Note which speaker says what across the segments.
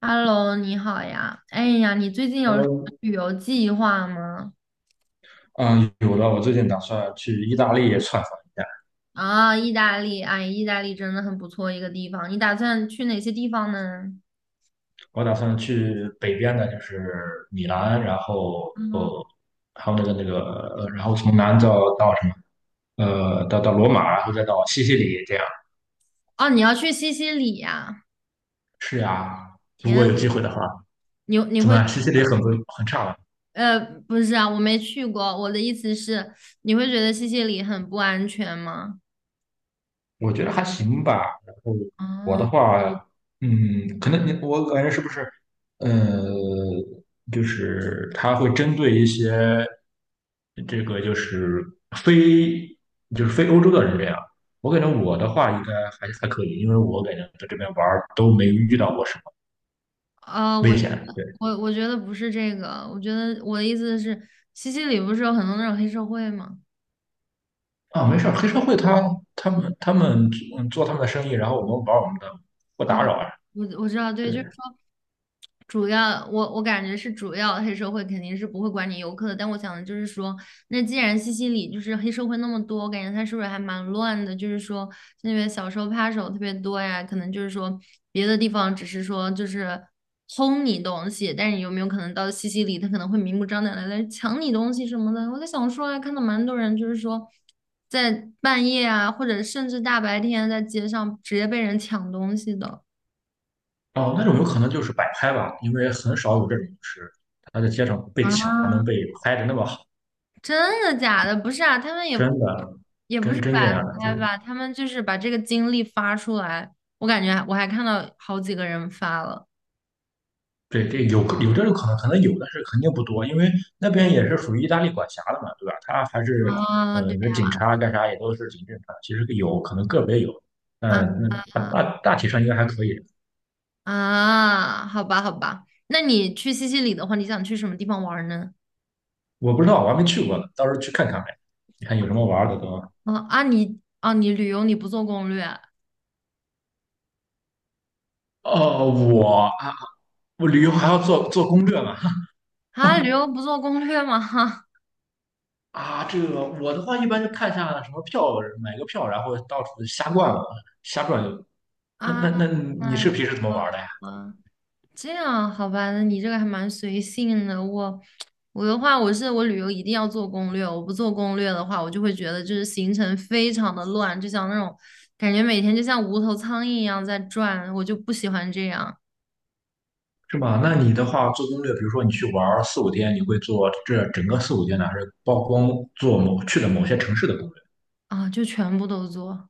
Speaker 1: Hello,你好呀。哎呀，你最近有什么
Speaker 2: Hello，
Speaker 1: 旅游计划吗？
Speaker 2: 嗯，有的，我最近打算去意大利窜访一下。
Speaker 1: 啊，意大利，哎，意大利真的很不错一个地方。你打算去哪些地方呢？
Speaker 2: 我打算去北边的，就是米兰，然后
Speaker 1: 嗯，
Speaker 2: 还有那个，呃，然后从南到什么，呃，到罗马，然后再到西西里，这样。
Speaker 1: 哦，你要去西西里呀？
Speaker 2: 是呀，如
Speaker 1: 天
Speaker 2: 果
Speaker 1: 啊，
Speaker 2: 有机会的话，
Speaker 1: 你你
Speaker 2: 怎么
Speaker 1: 会
Speaker 2: 样？西西里很不很差吗？
Speaker 1: 呃，不是啊，我没去过。我的意思是，你会觉得西西里很不安全吗？
Speaker 2: 我觉得还行吧。然后我
Speaker 1: 啊，
Speaker 2: 的话，嗯，可能你我感觉是不是，呃，就是他会针对一些这个就是非非欧洲的人这样。我感觉我的话应该还可以，因为我感觉在这边玩儿都没遇到过什么
Speaker 1: 我
Speaker 2: 危
Speaker 1: 觉
Speaker 2: 险。
Speaker 1: 得，
Speaker 2: 对
Speaker 1: 我觉得不是这个，我觉得我的意思是，西西里不是有很多那种黑社会吗？
Speaker 2: 啊，没事儿，黑社会他他们嗯做他们的生意，然后我们玩我们的，不
Speaker 1: 啊，
Speaker 2: 打扰啊。
Speaker 1: 我知道，对，
Speaker 2: 对
Speaker 1: 主要我感觉是主要黑社会肯定是不会管你游客的，但我想的就是说，那既然西西里就是黑社会那么多，我感觉它是不是还蛮乱的？就是说那边小偷扒手特别多呀，可能就是说别的地方只是说就是偷你东西，但是有没有可能到西西里他可能会明目张胆的来抢你东西什么的？我在想说啊，看到蛮多人就是说在半夜啊，或者甚至大白天在街上直接被人抢东西的。
Speaker 2: 哦，那种有可能就是摆拍吧，因为很少有这种就是他在街上被抢还能
Speaker 1: 啊。
Speaker 2: 被拍的那么好，
Speaker 1: 真的假的？不是啊，他们也
Speaker 2: 真的
Speaker 1: 不
Speaker 2: 真
Speaker 1: 是
Speaker 2: 真这
Speaker 1: 摆
Speaker 2: 样的，就
Speaker 1: 拍
Speaker 2: 是
Speaker 1: 吧，他们就是把这个经历发出来。我感觉我还看到好几个人发了。
Speaker 2: 对这有这种可能，可能有，但是肯定不多，因为那边也是属于意大利管辖的嘛，对吧？他还是
Speaker 1: 啊，
Speaker 2: 呃，
Speaker 1: 对。
Speaker 2: 你说警察干啥也都是挺正常，其实有可能个别有，
Speaker 1: 啊
Speaker 2: 嗯，那大体上应该还可以。
Speaker 1: 好吧好吧。那你去西西里的话，你想去什么地方玩呢？
Speaker 2: 我不知道，我还没去过呢，到时候去看看呗，你看有什么玩儿的都。
Speaker 1: 你啊你旅游你不做攻略啊？
Speaker 2: 哦，我啊，我旅游还要做攻略嘛。
Speaker 1: 啊，旅游不做攻略吗？
Speaker 2: 啊，这个我的话一般就看一下什么票，买个票，然后到处瞎逛嘛瞎转悠。那
Speaker 1: 啊
Speaker 2: 那那你
Speaker 1: 啊，
Speaker 2: 是平时怎么玩的呀？
Speaker 1: 啊，这样好吧，那你这个还蛮随性的。我，我的话，我是我旅游一定要做攻略，我不做攻略的话，我就会觉得就是行程非常的乱，就像那种感觉每天就像无头苍蝇一样在转，我就不喜欢这样。
Speaker 2: 是吗？那你的话做攻略，比如说你去玩四五天，你会做这整个四五天呢，还是曝光做某去的某些城市的攻
Speaker 1: 啊，就全部都做。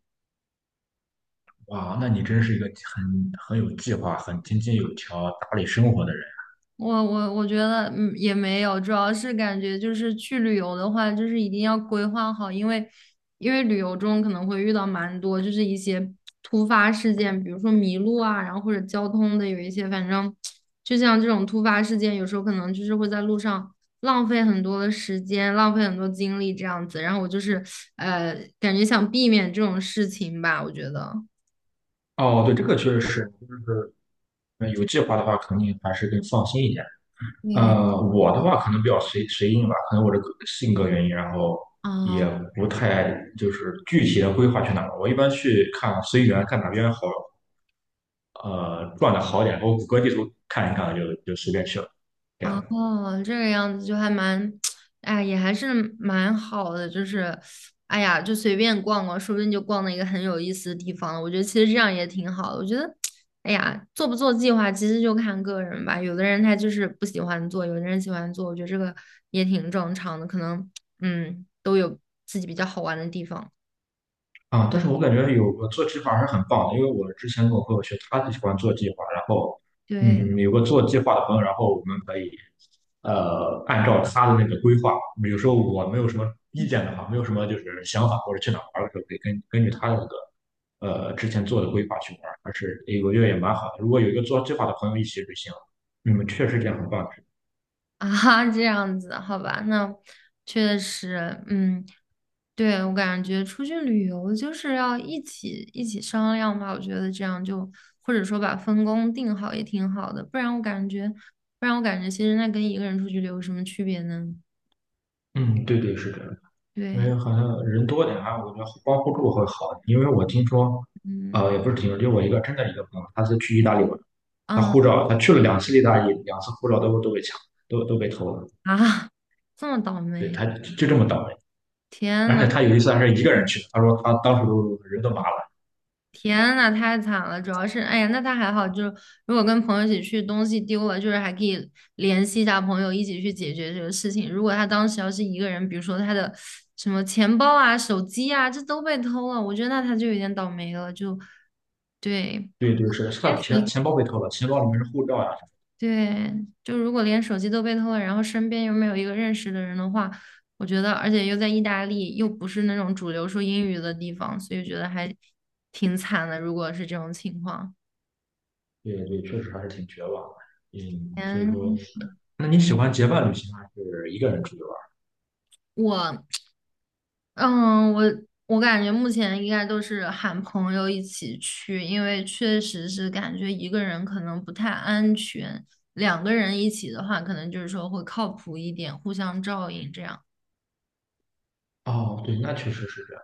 Speaker 2: 略？哇，那你真是一个很有计划、很井井有条、打理生活的人。
Speaker 1: 我觉得也没有，主要是感觉就是去旅游的话，就是一定要规划好，因为旅游中可能会遇到蛮多就是一些突发事件，比如说迷路啊，然后或者交通的有一些，反正就像这种突发事件，有时候可能就是会在路上浪费很多的时间，浪费很多精力这样子。然后我就是感觉想避免这种事情吧，我觉得。
Speaker 2: 哦，对，这个确实是，就是呃有计划的话，肯定还是更放心一点。
Speaker 1: 对。
Speaker 2: 呃，我的话可能比较随性吧，可能我这个性格原因，然后也
Speaker 1: 啊。
Speaker 2: 不太就是具体的规划去哪儿。我一般去看随缘，看哪边好，呃，转的好点，我谷歌地图看一看就随便去了。这样。
Speaker 1: 哦，这个样子就还蛮，哎呀，也还是蛮好的，就是，哎呀，就随便逛逛，说不定就逛到一个很有意思的地方了。我觉得其实这样也挺好的。我觉得，哎呀，做不做计划其实就看个人吧。有的人他就是不喜欢做，有的人喜欢做，我觉得这个也挺正常的。可能，嗯，都有自己比较好玩的地方。
Speaker 2: 啊，但是我感觉有个做计划还是很棒的，因为我之前跟我朋友去，他就喜欢做计划，然后，
Speaker 1: 对，
Speaker 2: 嗯，有个做计划的朋友，然后我们可以，呃，按照他的那个规划，比如说我没有什么意见的话，没有什么就是想法或者去哪儿玩的时候，可以根据他的那个，呃，之前做的规划去玩，还是诶我觉得也蛮好的。如果有一个做计划的朋友一起旅行，嗯，确实这样很棒。
Speaker 1: 啊，这样子，好吧，那确实，嗯，对，我感觉出去旅游就是要一起商量吧，我觉得这样就或者说把分工定好也挺好的，不然我感觉，不然我感觉其实那跟一个人出去旅游有什么区别呢？
Speaker 2: 嗯，对，是的。因为
Speaker 1: 对，
Speaker 2: 好像人多点啊，我觉得互帮互助会好一点因为我听说，
Speaker 1: 嗯，
Speaker 2: 呃，也不是听说，就我一个真的一个朋友，他是去意大利玩，他
Speaker 1: 啊
Speaker 2: 护照他去了两次意大利，两次护照都被抢，都被偷了。
Speaker 1: 啊，这么倒
Speaker 2: 对，
Speaker 1: 霉，
Speaker 2: 他就这么倒霉。
Speaker 1: 天
Speaker 2: 而且
Speaker 1: 呐！
Speaker 2: 他有一次还是一个人去的，他说他当时都人都麻了。
Speaker 1: 天呐，太惨了！主要是，哎呀，那他还好，就是如果跟朋友一起去，东西丢了，就是还可以联系一下朋友一起去解决这个事情。如果他当时要是一个人，比如说他的什么钱包啊、手机啊，这都被偷了，我觉得那他就有点倒霉了。就对，
Speaker 2: 对，是他
Speaker 1: 连
Speaker 2: 的钱
Speaker 1: 手
Speaker 2: 钱包被偷了，钱包里面是护照呀、
Speaker 1: 对，就如果连手机都被偷了，然后身边又没有一个认识的人的话，我觉得，而且又在意大利，又不是那种主流说英语的地方，所以觉得还挺惨的。如果是这种情况。
Speaker 2: 对，确实还是挺绝望的。嗯，所以说，
Speaker 1: 前
Speaker 2: 那你喜欢结伴旅行还是一个人出去玩？
Speaker 1: 我，嗯，我感觉目前应该都是喊朋友一起去，因为确实是感觉一个人可能不太安全，两个人一起的话，可能就是说会靠谱一点，互相照应这样。
Speaker 2: 哦，对，那确实是这样。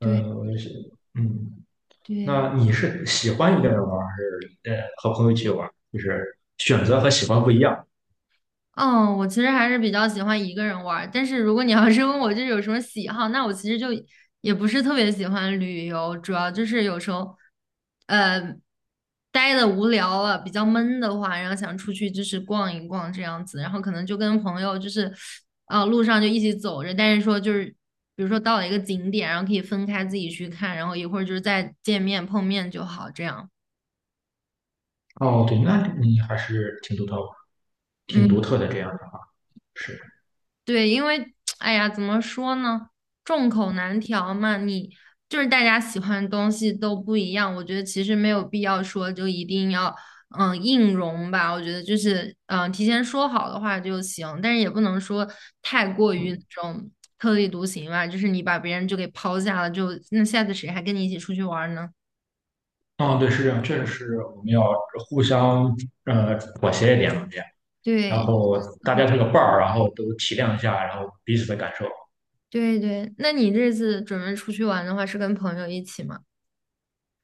Speaker 1: 对
Speaker 2: 我也是，嗯。
Speaker 1: 对，
Speaker 2: 那你是喜欢一个人玩还是呃和朋友一起玩就是选择和喜欢不一样。
Speaker 1: 嗯，我其实还是比较喜欢一个人玩儿，但是如果你要 是问我就是有什么喜好，那我其实就也不是特别喜欢旅游，主要就是有时候，呃，待的无聊了，比较闷的话，然后想出去就是逛一逛这样子，然后可能就跟朋友就是，啊，路上就一起走着，但是说就是，比如说到了一个景点，然后可以分开自己去看，然后一会儿就是再见面碰面就好，这样。
Speaker 2: 哦，对，那你还是挺独特，挺
Speaker 1: 嗯。
Speaker 2: 独特的这样的话是。
Speaker 1: 对，因为哎呀，怎么说呢，众口难调嘛。你就是大家喜欢的东西都不一样，我觉得其实没有必要说就一定要硬融吧。我觉得就是提前说好的话就行，但是也不能说太过于那种特立独行吧。就是你把别人就给抛下了，就那下次谁还跟你一起出去玩儿呢？
Speaker 2: 嗯，对，是这样，确实是我们要互相呃妥协一点嘛，这样，然
Speaker 1: 对
Speaker 2: 后大家这个伴儿，然后都体谅一下，然后彼此的感受
Speaker 1: 对对，那你这次准备出去玩的话，是跟朋友一起吗？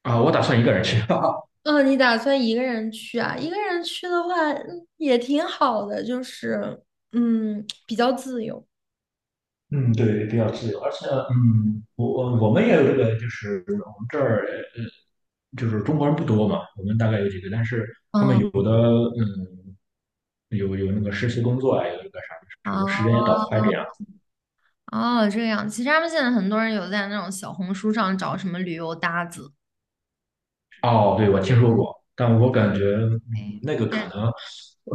Speaker 2: 啊。我打算一个人去。
Speaker 1: 嗯，你打算一个人去啊？一个人去的话，嗯，也挺好的，就是，嗯，比较自由。
Speaker 2: 嗯，对，比较自由，而且，嗯，我我们也有这个，就是我们这儿，呃，就是中国人不多嘛，我们大概有几个，但是他们
Speaker 1: 嗯，
Speaker 2: 有的，嗯，有那个实习工作呀，有那个啥，就是有时间
Speaker 1: 哦
Speaker 2: 也倒开这样。
Speaker 1: 哦，这样。其实他们现在很多人有在那种小红书上找什么旅游搭子。
Speaker 2: 哦，对，我听说过，但我感觉，嗯，
Speaker 1: 哎，
Speaker 2: 那个可能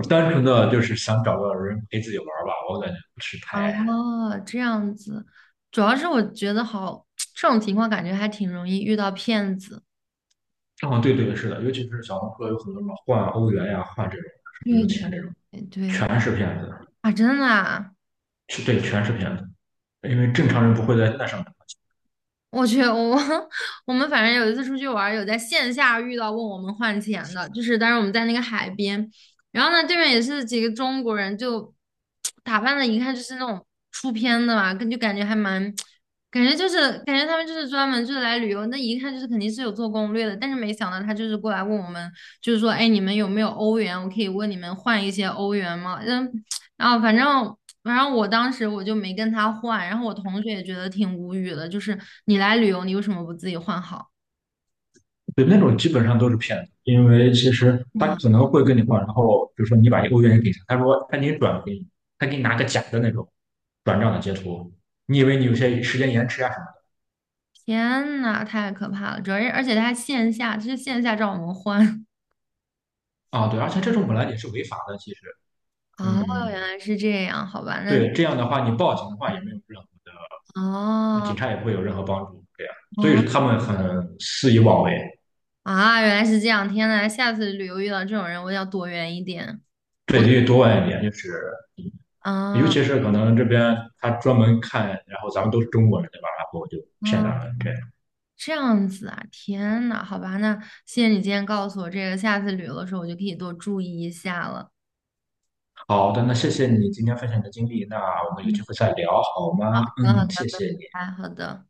Speaker 2: 单纯的就是想找个人陪自己玩儿吧，我感觉不是太……
Speaker 1: 哦，这样子。主要是我觉得好，这种情况感觉还挺容易遇到骗子。
Speaker 2: 哦，对，是的，尤其是小红书有很多什么换欧元呀、换这种什么
Speaker 1: 对
Speaker 2: 钱
Speaker 1: 对
Speaker 2: 这种，
Speaker 1: 对
Speaker 2: 全是骗子。
Speaker 1: 啊，真的啊。
Speaker 2: 是对，全是骗子，因为正常人不会在那上面。
Speaker 1: 我去，我 我们反正有一次出去玩儿有在线下遇到问我们换钱的，就是当时我们在那个海边，然后呢，对面也是几个中国人，就打扮的一看就是那种出片的嘛，跟就感觉还蛮，感觉他们就是专门就是来旅游，那一看就是肯定是有做攻略的，但是没想到他就是过来问我们，就是说，哎，你们有没有欧元？我可以问你们换一些欧元吗？嗯，然后反正。然后我当时我就没跟他换，然后我同学也觉得挺无语的，就是你来旅游，你为什么不自己换好？
Speaker 2: 对，那种基本上都是骗子，因为其实他
Speaker 1: 啊，
Speaker 2: 可能会跟你换，然后比如说你把一个欧元给他，他说他给你转给你，他给你拿个假的那种转账的截图，你以为你有些时间延迟啊什么
Speaker 1: 天呐，太可怕了！主要是而且他还线下，就是线下找我们换。
Speaker 2: 的啊？对，而且这种本来也是违法的，其实，
Speaker 1: 哦，
Speaker 2: 嗯，
Speaker 1: 原来是这样，好吧，那
Speaker 2: 对，这样的话你报警的话也没有任何的，呃
Speaker 1: 哦
Speaker 2: 警察也不会有任何帮助，对呀。所
Speaker 1: 哦
Speaker 2: 以他们很肆意妄为，
Speaker 1: 啊，原来是这样，天呐，下次旅游遇到这种人，我要躲远一点。我
Speaker 2: 对，
Speaker 1: 都
Speaker 2: 所以多问一点就是尤
Speaker 1: 啊，
Speaker 2: 其是可能这边他专门看，然后咱们都是中国人，对吧？然后就骗到
Speaker 1: 啊，
Speaker 2: 了这样。
Speaker 1: 这样子啊，天呐，好吧，那谢谢你今天告诉我这个，下次旅游的时候我就可以多注意一下了。
Speaker 2: 好的，那谢谢你今天分享的经历，那我们有机
Speaker 1: 嗯，
Speaker 2: 会再聊好
Speaker 1: 好
Speaker 2: 吗？
Speaker 1: 的好
Speaker 2: 嗯，谢
Speaker 1: 的，
Speaker 2: 谢你。
Speaker 1: 哎，好的。